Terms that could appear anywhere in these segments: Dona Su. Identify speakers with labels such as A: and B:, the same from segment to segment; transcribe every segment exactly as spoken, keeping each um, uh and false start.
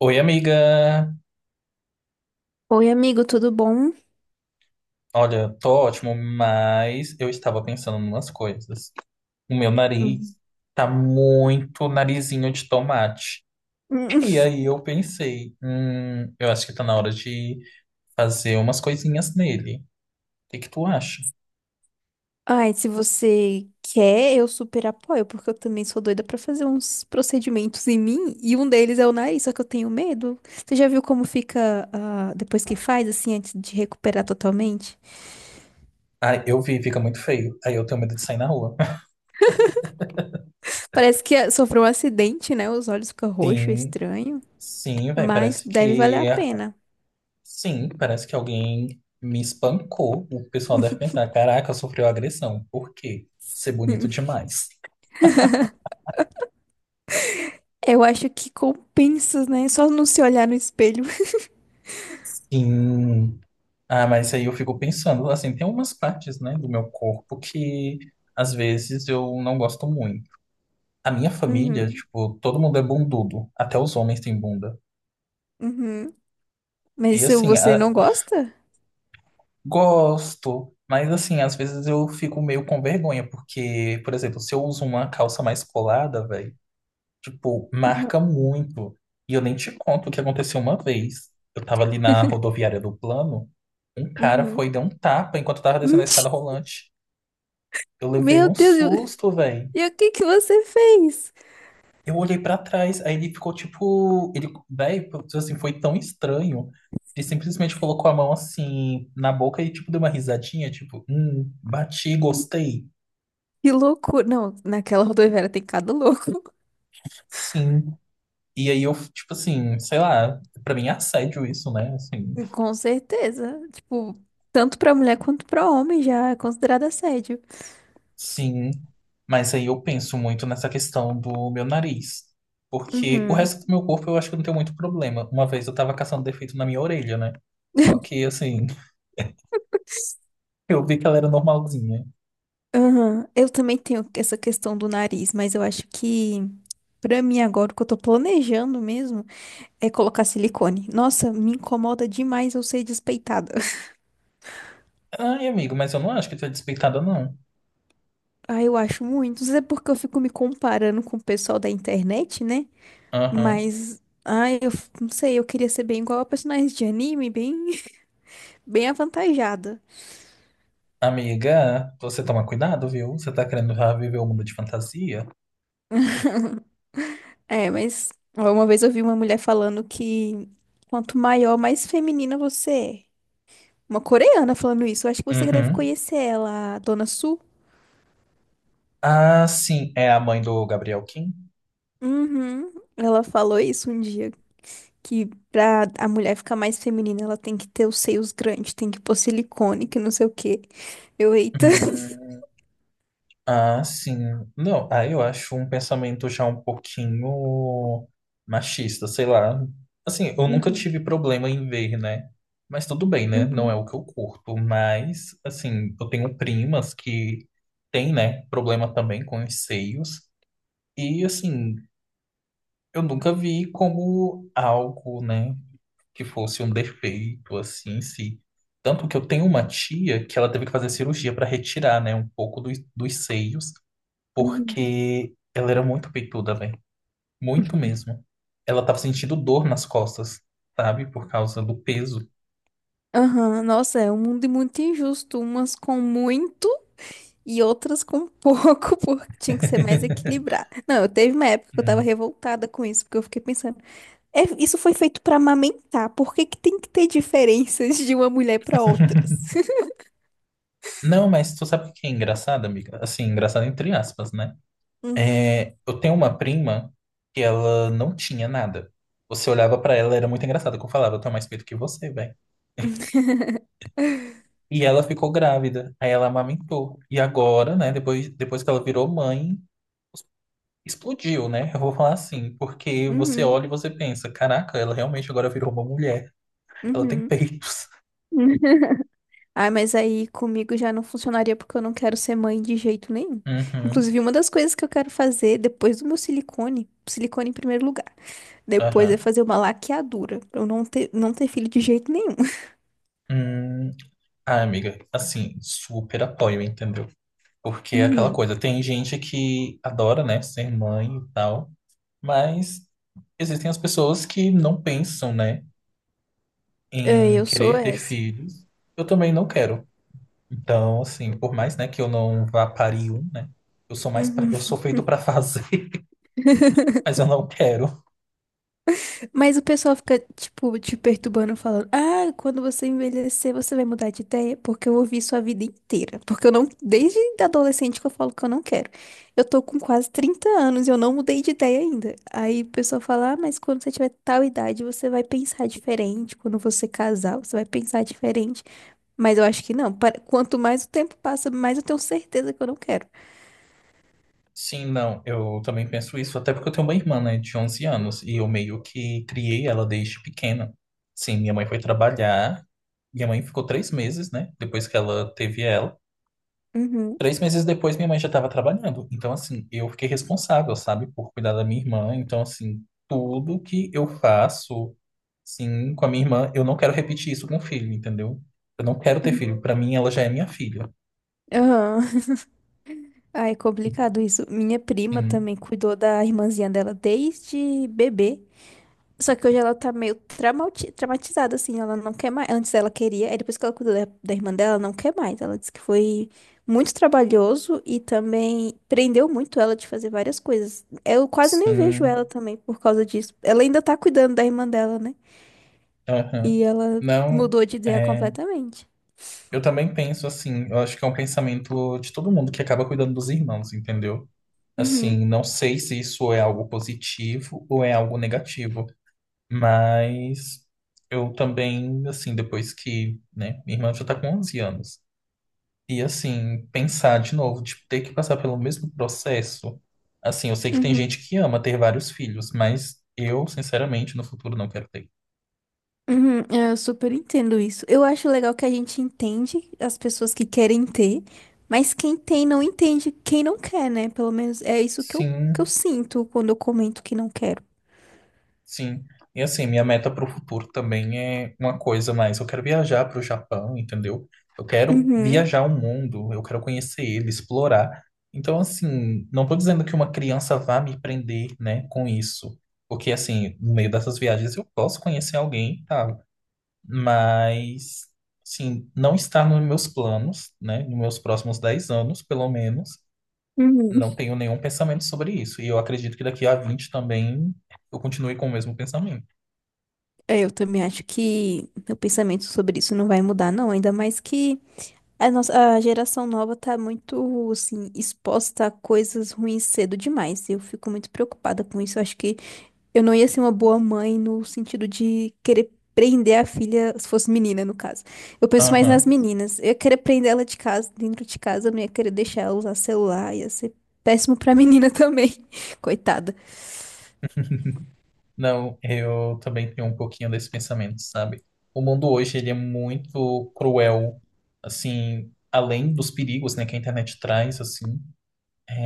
A: Oi, amiga!
B: Oi, amigo, tudo bom?
A: Olha, tô ótimo, mas eu estava pensando em umas coisas. O meu
B: Hum.
A: nariz tá muito narizinho de tomate.
B: Hum.
A: E aí eu pensei, hum, eu acho que tá na hora de fazer umas coisinhas nele. O que que tu acha?
B: Ai, se você quer, eu super apoio, porque eu também sou doida pra fazer uns procedimentos em mim, e um deles é o nariz, só que eu tenho medo. Você já viu como fica, ah, depois que faz, assim, antes de recuperar totalmente?
A: Ah, eu vi, fica muito feio. Aí eu tenho medo de sair na rua.
B: Parece que ah, sofreu um acidente, né? Os olhos ficam roxos,
A: Sim,
B: estranho,
A: sim, velho,
B: mas
A: parece
B: deve valer
A: que...
B: a pena.
A: Sim, parece que alguém me espancou. O pessoal deve pensar, caraca, sofreu agressão. Por quê? Ser bonito demais.
B: Eu acho que compensa, né? Só não se olhar no espelho.
A: Sim. Ah, mas aí eu fico pensando, assim, tem umas partes, né, do meu corpo que às vezes eu não gosto muito. A minha família,
B: Uhum,
A: tipo, todo mundo é bundudo, até os homens têm bunda.
B: uhum. Mas
A: E
B: isso
A: assim,
B: você
A: a-
B: não gosta?
A: gosto, mas assim, às vezes eu fico meio com vergonha, porque, por exemplo, se eu uso uma calça mais colada, velho, tipo, marca muito. E eu nem te conto o que aconteceu uma vez. Eu tava ali na rodoviária do plano, um cara
B: Uhum.
A: foi e deu um tapa enquanto eu tava descendo a escada
B: Mentira!
A: rolante. Eu levei
B: Meu
A: um
B: Deus, eu-
A: susto, velho.
B: e o que que você fez?
A: Eu olhei pra trás, aí ele ficou tipo, ele, velho, assim, foi tão estranho. Ele simplesmente colocou a mão assim na boca e tipo deu uma risadinha, tipo, hum, bati, gostei.
B: Que loucura. Não, naquela rodoviária tem cada louco.
A: Sim. E aí eu, tipo assim, sei lá, pra mim é assédio isso, né? Assim,
B: Com certeza. Tipo, tanto pra mulher quanto pra homem já é considerado assédio.
A: sim. Mas aí eu penso muito nessa questão do meu nariz. Porque o
B: Uhum.
A: resto do meu corpo eu acho que eu não tenho muito problema. Uma vez eu tava caçando defeito na minha orelha, né? Só que assim, eu vi que ela era normalzinha.
B: Aham. Eu também tenho essa questão do nariz, mas eu acho que pra mim agora o que eu tô planejando mesmo é colocar silicone. Nossa, me incomoda demais eu ser despeitada.
A: Ai, amigo, mas eu não acho que tu é despeitada, não.
B: Ah, eu acho muito. Isso é porque eu fico me comparando com o pessoal da internet, né?
A: Aham.
B: Mas, ai, eu f- não sei, eu queria ser bem igual a personagem de anime, bem, bem avantajada.
A: Amiga, você toma cuidado, viu? Você tá querendo já viver o mundo de fantasia?
B: É, mas ó, uma vez eu vi uma mulher falando que quanto maior, mais feminina você é. Uma coreana falando isso, eu acho que você deve
A: Uhum.
B: conhecer ela, a Dona Su.
A: Ah, sim, é a mãe do Gabriel Kim?
B: Uhum, ela falou isso um dia, que pra a mulher ficar mais feminina, ela tem que ter os seios grandes, tem que pôr silicone, que não sei o quê. Eu, eita.
A: Hum. Ah, sim. Não, ah, eu acho um pensamento já um pouquinho machista, sei lá. Assim, eu nunca
B: Uhum,
A: tive problema em ver, né? Mas tudo bem, né? Não é
B: uhum,
A: o que eu curto. Mas, assim, eu tenho primas que têm, né, problema também com os seios. E, assim, eu nunca vi como algo, né, que fosse um defeito, assim, em si. Tanto que eu tenho uma tia que ela teve que fazer cirurgia para retirar, né, um pouco dos, dos seios
B: uhum.
A: porque ela era muito peituda, velho. Muito mesmo. Ela tava sentindo dor nas costas, sabe? Por causa do peso.
B: Aham, nossa, é um mundo muito injusto, umas com muito e outras com pouco, porque tinha que ser mais equilibrado. Não, eu teve uma época que eu tava
A: Hum.
B: revoltada com isso, porque eu fiquei pensando, é, isso foi feito pra amamentar, por que que tem que ter diferenças de uma mulher pra outras?
A: Não, mas tu sabe o que é engraçado, amiga? Assim, engraçado entre aspas, né? É, eu tenho uma prima que ela não tinha nada. Você olhava pra ela, era muito engraçado que eu falava, eu tenho mais peito que você, velho. E ela ficou grávida, aí ela amamentou. E agora, né, depois, depois que ela virou mãe, explodiu, né? Eu vou falar assim, porque
B: Uhum,
A: você olha
B: uhum,
A: e você pensa, caraca, ela realmente agora virou uma mulher. Ela tem
B: uhum.
A: peitos.
B: Ah, mas aí comigo já não funcionaria porque eu não quero ser mãe de jeito nenhum.
A: Uhum,
B: Inclusive, uma das coisas que eu quero fazer depois do meu silicone, silicone em primeiro lugar. Depois é
A: aham.
B: fazer uma laqueadura, pra eu não ter, não ter filho de jeito nenhum.
A: Hum, ah, amiga, assim, super apoio, entendeu? Porque é aquela
B: Uhum.
A: coisa, tem gente que adora, né, ser mãe e tal, mas existem as pessoas que não pensam, né,
B: É,
A: em
B: eu sou
A: querer ter
B: essa.
A: filhos. Eu também não quero. Então, assim, por mais, né, que eu não vá parir um, né, eu sou mais, pra-
B: Uhum.
A: eu sou feito pra fazer, mas eu não quero.
B: Mas o pessoal fica, tipo, te perturbando, falando: Ah, quando você envelhecer, você vai mudar de ideia? Porque eu ouvi sua vida inteira. Porque eu não, desde adolescente que eu falo que eu não quero. Eu tô com quase trinta anos e eu não mudei de ideia ainda. Aí o pessoal fala: Ah, mas quando você tiver tal idade, você vai pensar diferente. Quando você casar, você vai pensar diferente. Mas eu acho que não. Pa- Quanto mais o tempo passa, mais eu tenho certeza que eu não quero.
A: Sim, não, eu também penso isso, até porque eu tenho uma irmã, né, de onze anos, e eu meio que criei ela desde pequena. Sim, minha mãe foi trabalhar, minha mãe ficou três meses, né, depois que ela teve ela.
B: Uhum.
A: Três meses depois, minha mãe já estava trabalhando, então, assim, eu fiquei responsável, sabe, por cuidar da minha irmã, então, assim, tudo que eu faço, sim, com a minha irmã, eu não quero repetir isso com o filho, entendeu? Eu não quero ter filho, pra mim ela já é minha filha.
B: Aham. Ai, complicado isso. Minha prima
A: Sim,
B: também cuidou da irmãzinha dela desde bebê. Só que hoje ela tá meio traumati- traumatizada, assim. Ela não quer mais. Antes ela queria, aí depois que ela cuidou da, da irmã dela, ela não quer mais. Ela disse que foi muito trabalhoso e também prendeu muito ela de fazer várias coisas. Eu quase nem vejo
A: sim,
B: ela também por causa disso. Ela ainda tá cuidando da irmã dela, né?
A: aham.
B: E ela
A: Não,
B: mudou de ideia
A: é.
B: completamente.
A: Eu também penso assim, eu acho que é um pensamento de todo mundo que acaba cuidando dos irmãos, entendeu?
B: Uhum,
A: Assim, não sei se isso é algo positivo ou é algo negativo, mas eu também, assim, depois que, né, minha irmã já tá com onze anos, e assim, pensar de novo, de ter que passar pelo mesmo processo, assim, eu sei que tem
B: uhum,
A: gente que ama ter vários filhos, mas eu, sinceramente, no futuro não quero ter.
B: uhum. Eu super entendo isso. Eu acho legal que a gente entende as pessoas que querem ter, mas quem tem não entende quem não quer, né? Pelo menos é isso que eu, que eu
A: Sim,
B: sinto quando eu comento que não quero.
A: sim. E assim, minha meta para o futuro também é uma coisa mais. Eu quero viajar para o Japão, entendeu? Eu quero
B: Uhum,
A: viajar o mundo, eu quero conhecer ele, explorar. Então, assim, não estou dizendo que uma criança vá me prender, né, com isso. Porque, assim, no meio dessas viagens eu posso conhecer alguém e tal. Mas, assim, não está nos meus planos, né, nos meus próximos dez anos, pelo menos.
B: uhum.
A: Não tenho nenhum pensamento sobre isso. E eu acredito que daqui a vinte também eu continue com o mesmo pensamento.
B: É, eu também acho que meu pensamento sobre isso não vai mudar, não. Ainda mais que a nossa, a geração nova tá muito, assim, exposta a coisas ruins cedo demais. Eu fico muito preocupada com isso. Eu acho que eu não ia ser uma boa mãe no sentido de querer prender a filha, se fosse menina, no caso. Eu penso mais nas
A: Aham.
B: meninas. Eu ia querer prender ela de casa, dentro de casa, eu não ia querer deixar ela usar celular, ia ser péssimo pra menina também. Coitada.
A: Não, eu também tenho um pouquinho desse pensamento, sabe? O mundo hoje, ele é muito cruel, assim, além dos perigos, né, que a internet traz, assim,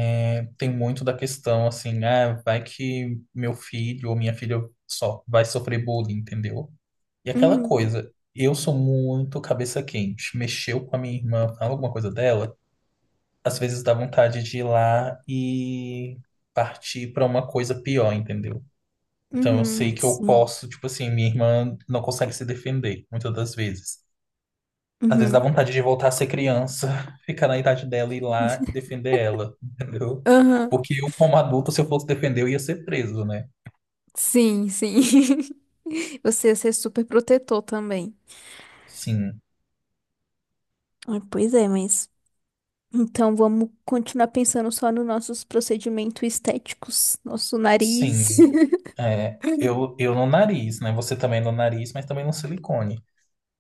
A: é, tem muito da questão, assim, ah, vai que meu filho ou minha filha só vai sofrer bullying, entendeu? E aquela
B: Uhum,
A: coisa, eu sou muito cabeça quente, mexeu com a minha irmã, fala alguma coisa dela, às vezes dá vontade de ir lá e partir para uma coisa pior, entendeu? Então eu
B: uhum,
A: sei que eu
B: sim.
A: posso, tipo assim, minha irmã não consegue se defender muitas das vezes. Às vezes dá
B: Uhum,
A: vontade de voltar a ser criança, ficar na idade dela e ir lá e defender ela, entendeu?
B: aham,
A: Porque eu, como adulto, se eu fosse defender, eu ia ser preso, né?
B: sim, sim. Você ia ser super protetor também.
A: Sim,
B: Ah, pois é, mas. Então vamos continuar pensando só nos nossos procedimentos estéticos, nosso nariz.
A: sim. É, eu, eu no nariz, né? Você também no nariz, mas também no silicone.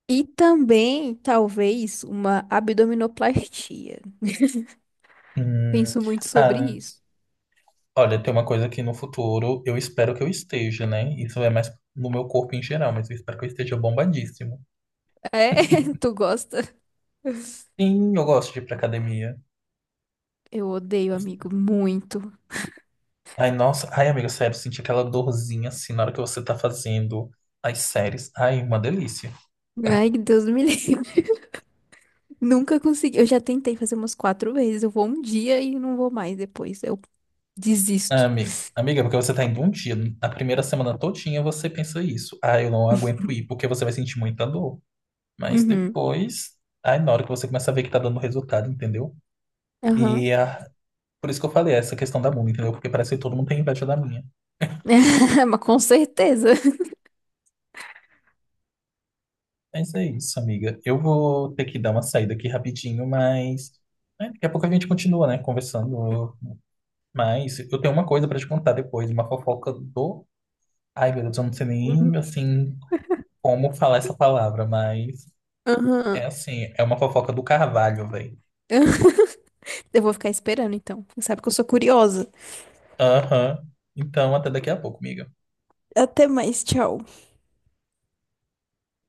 B: E também, talvez, uma abdominoplastia.
A: Hum,
B: Penso muito sobre
A: ah,
B: isso.
A: olha, tem uma coisa que no futuro eu espero que eu esteja, né? Isso é mais no meu corpo em geral, mas eu espero que eu esteja bombadíssimo.
B: É, tu gosta?
A: Sim, eu gosto de ir pra academia.
B: Eu odeio, amigo, muito.
A: Ai, nossa. Ai, amiga, sério, senti aquela dorzinha assim na hora que você tá fazendo as séries. Ai, uma delícia.
B: Ai, Deus me livre. Nunca consegui. Eu já tentei fazer umas quatro vezes. Eu vou um dia e não vou mais depois. Eu
A: Ah,
B: desisto.
A: Ami- amiga, porque você tá indo um dia, a primeira semana todinha você pensa isso. Ai, eu não aguento ir, porque você vai sentir muita dor. Mas
B: Uhum.
A: depois, ai, na hora que você começa a ver que tá dando resultado, entendeu?
B: Aham.
A: E ah, por isso que eu falei essa questão da mula, entendeu? Porque parece que todo mundo tem inveja da minha.
B: Mas com certeza.
A: Mas é isso, amiga. Eu vou ter que dar uma saída aqui rapidinho, mas né, daqui a pouco a gente continua, né, conversando. Mas eu tenho uma coisa pra te contar depois, uma fofoca do. Ai, meu Deus, eu não sei nem
B: Uhum.
A: assim como falar essa palavra, mas é
B: Aham.
A: assim, é uma fofoca do Carvalho, velho.
B: Eu vou ficar esperando, então. Sabe que eu sou curiosa.
A: Aham. Então, até daqui a pouco, amiga.
B: Até mais, tchau.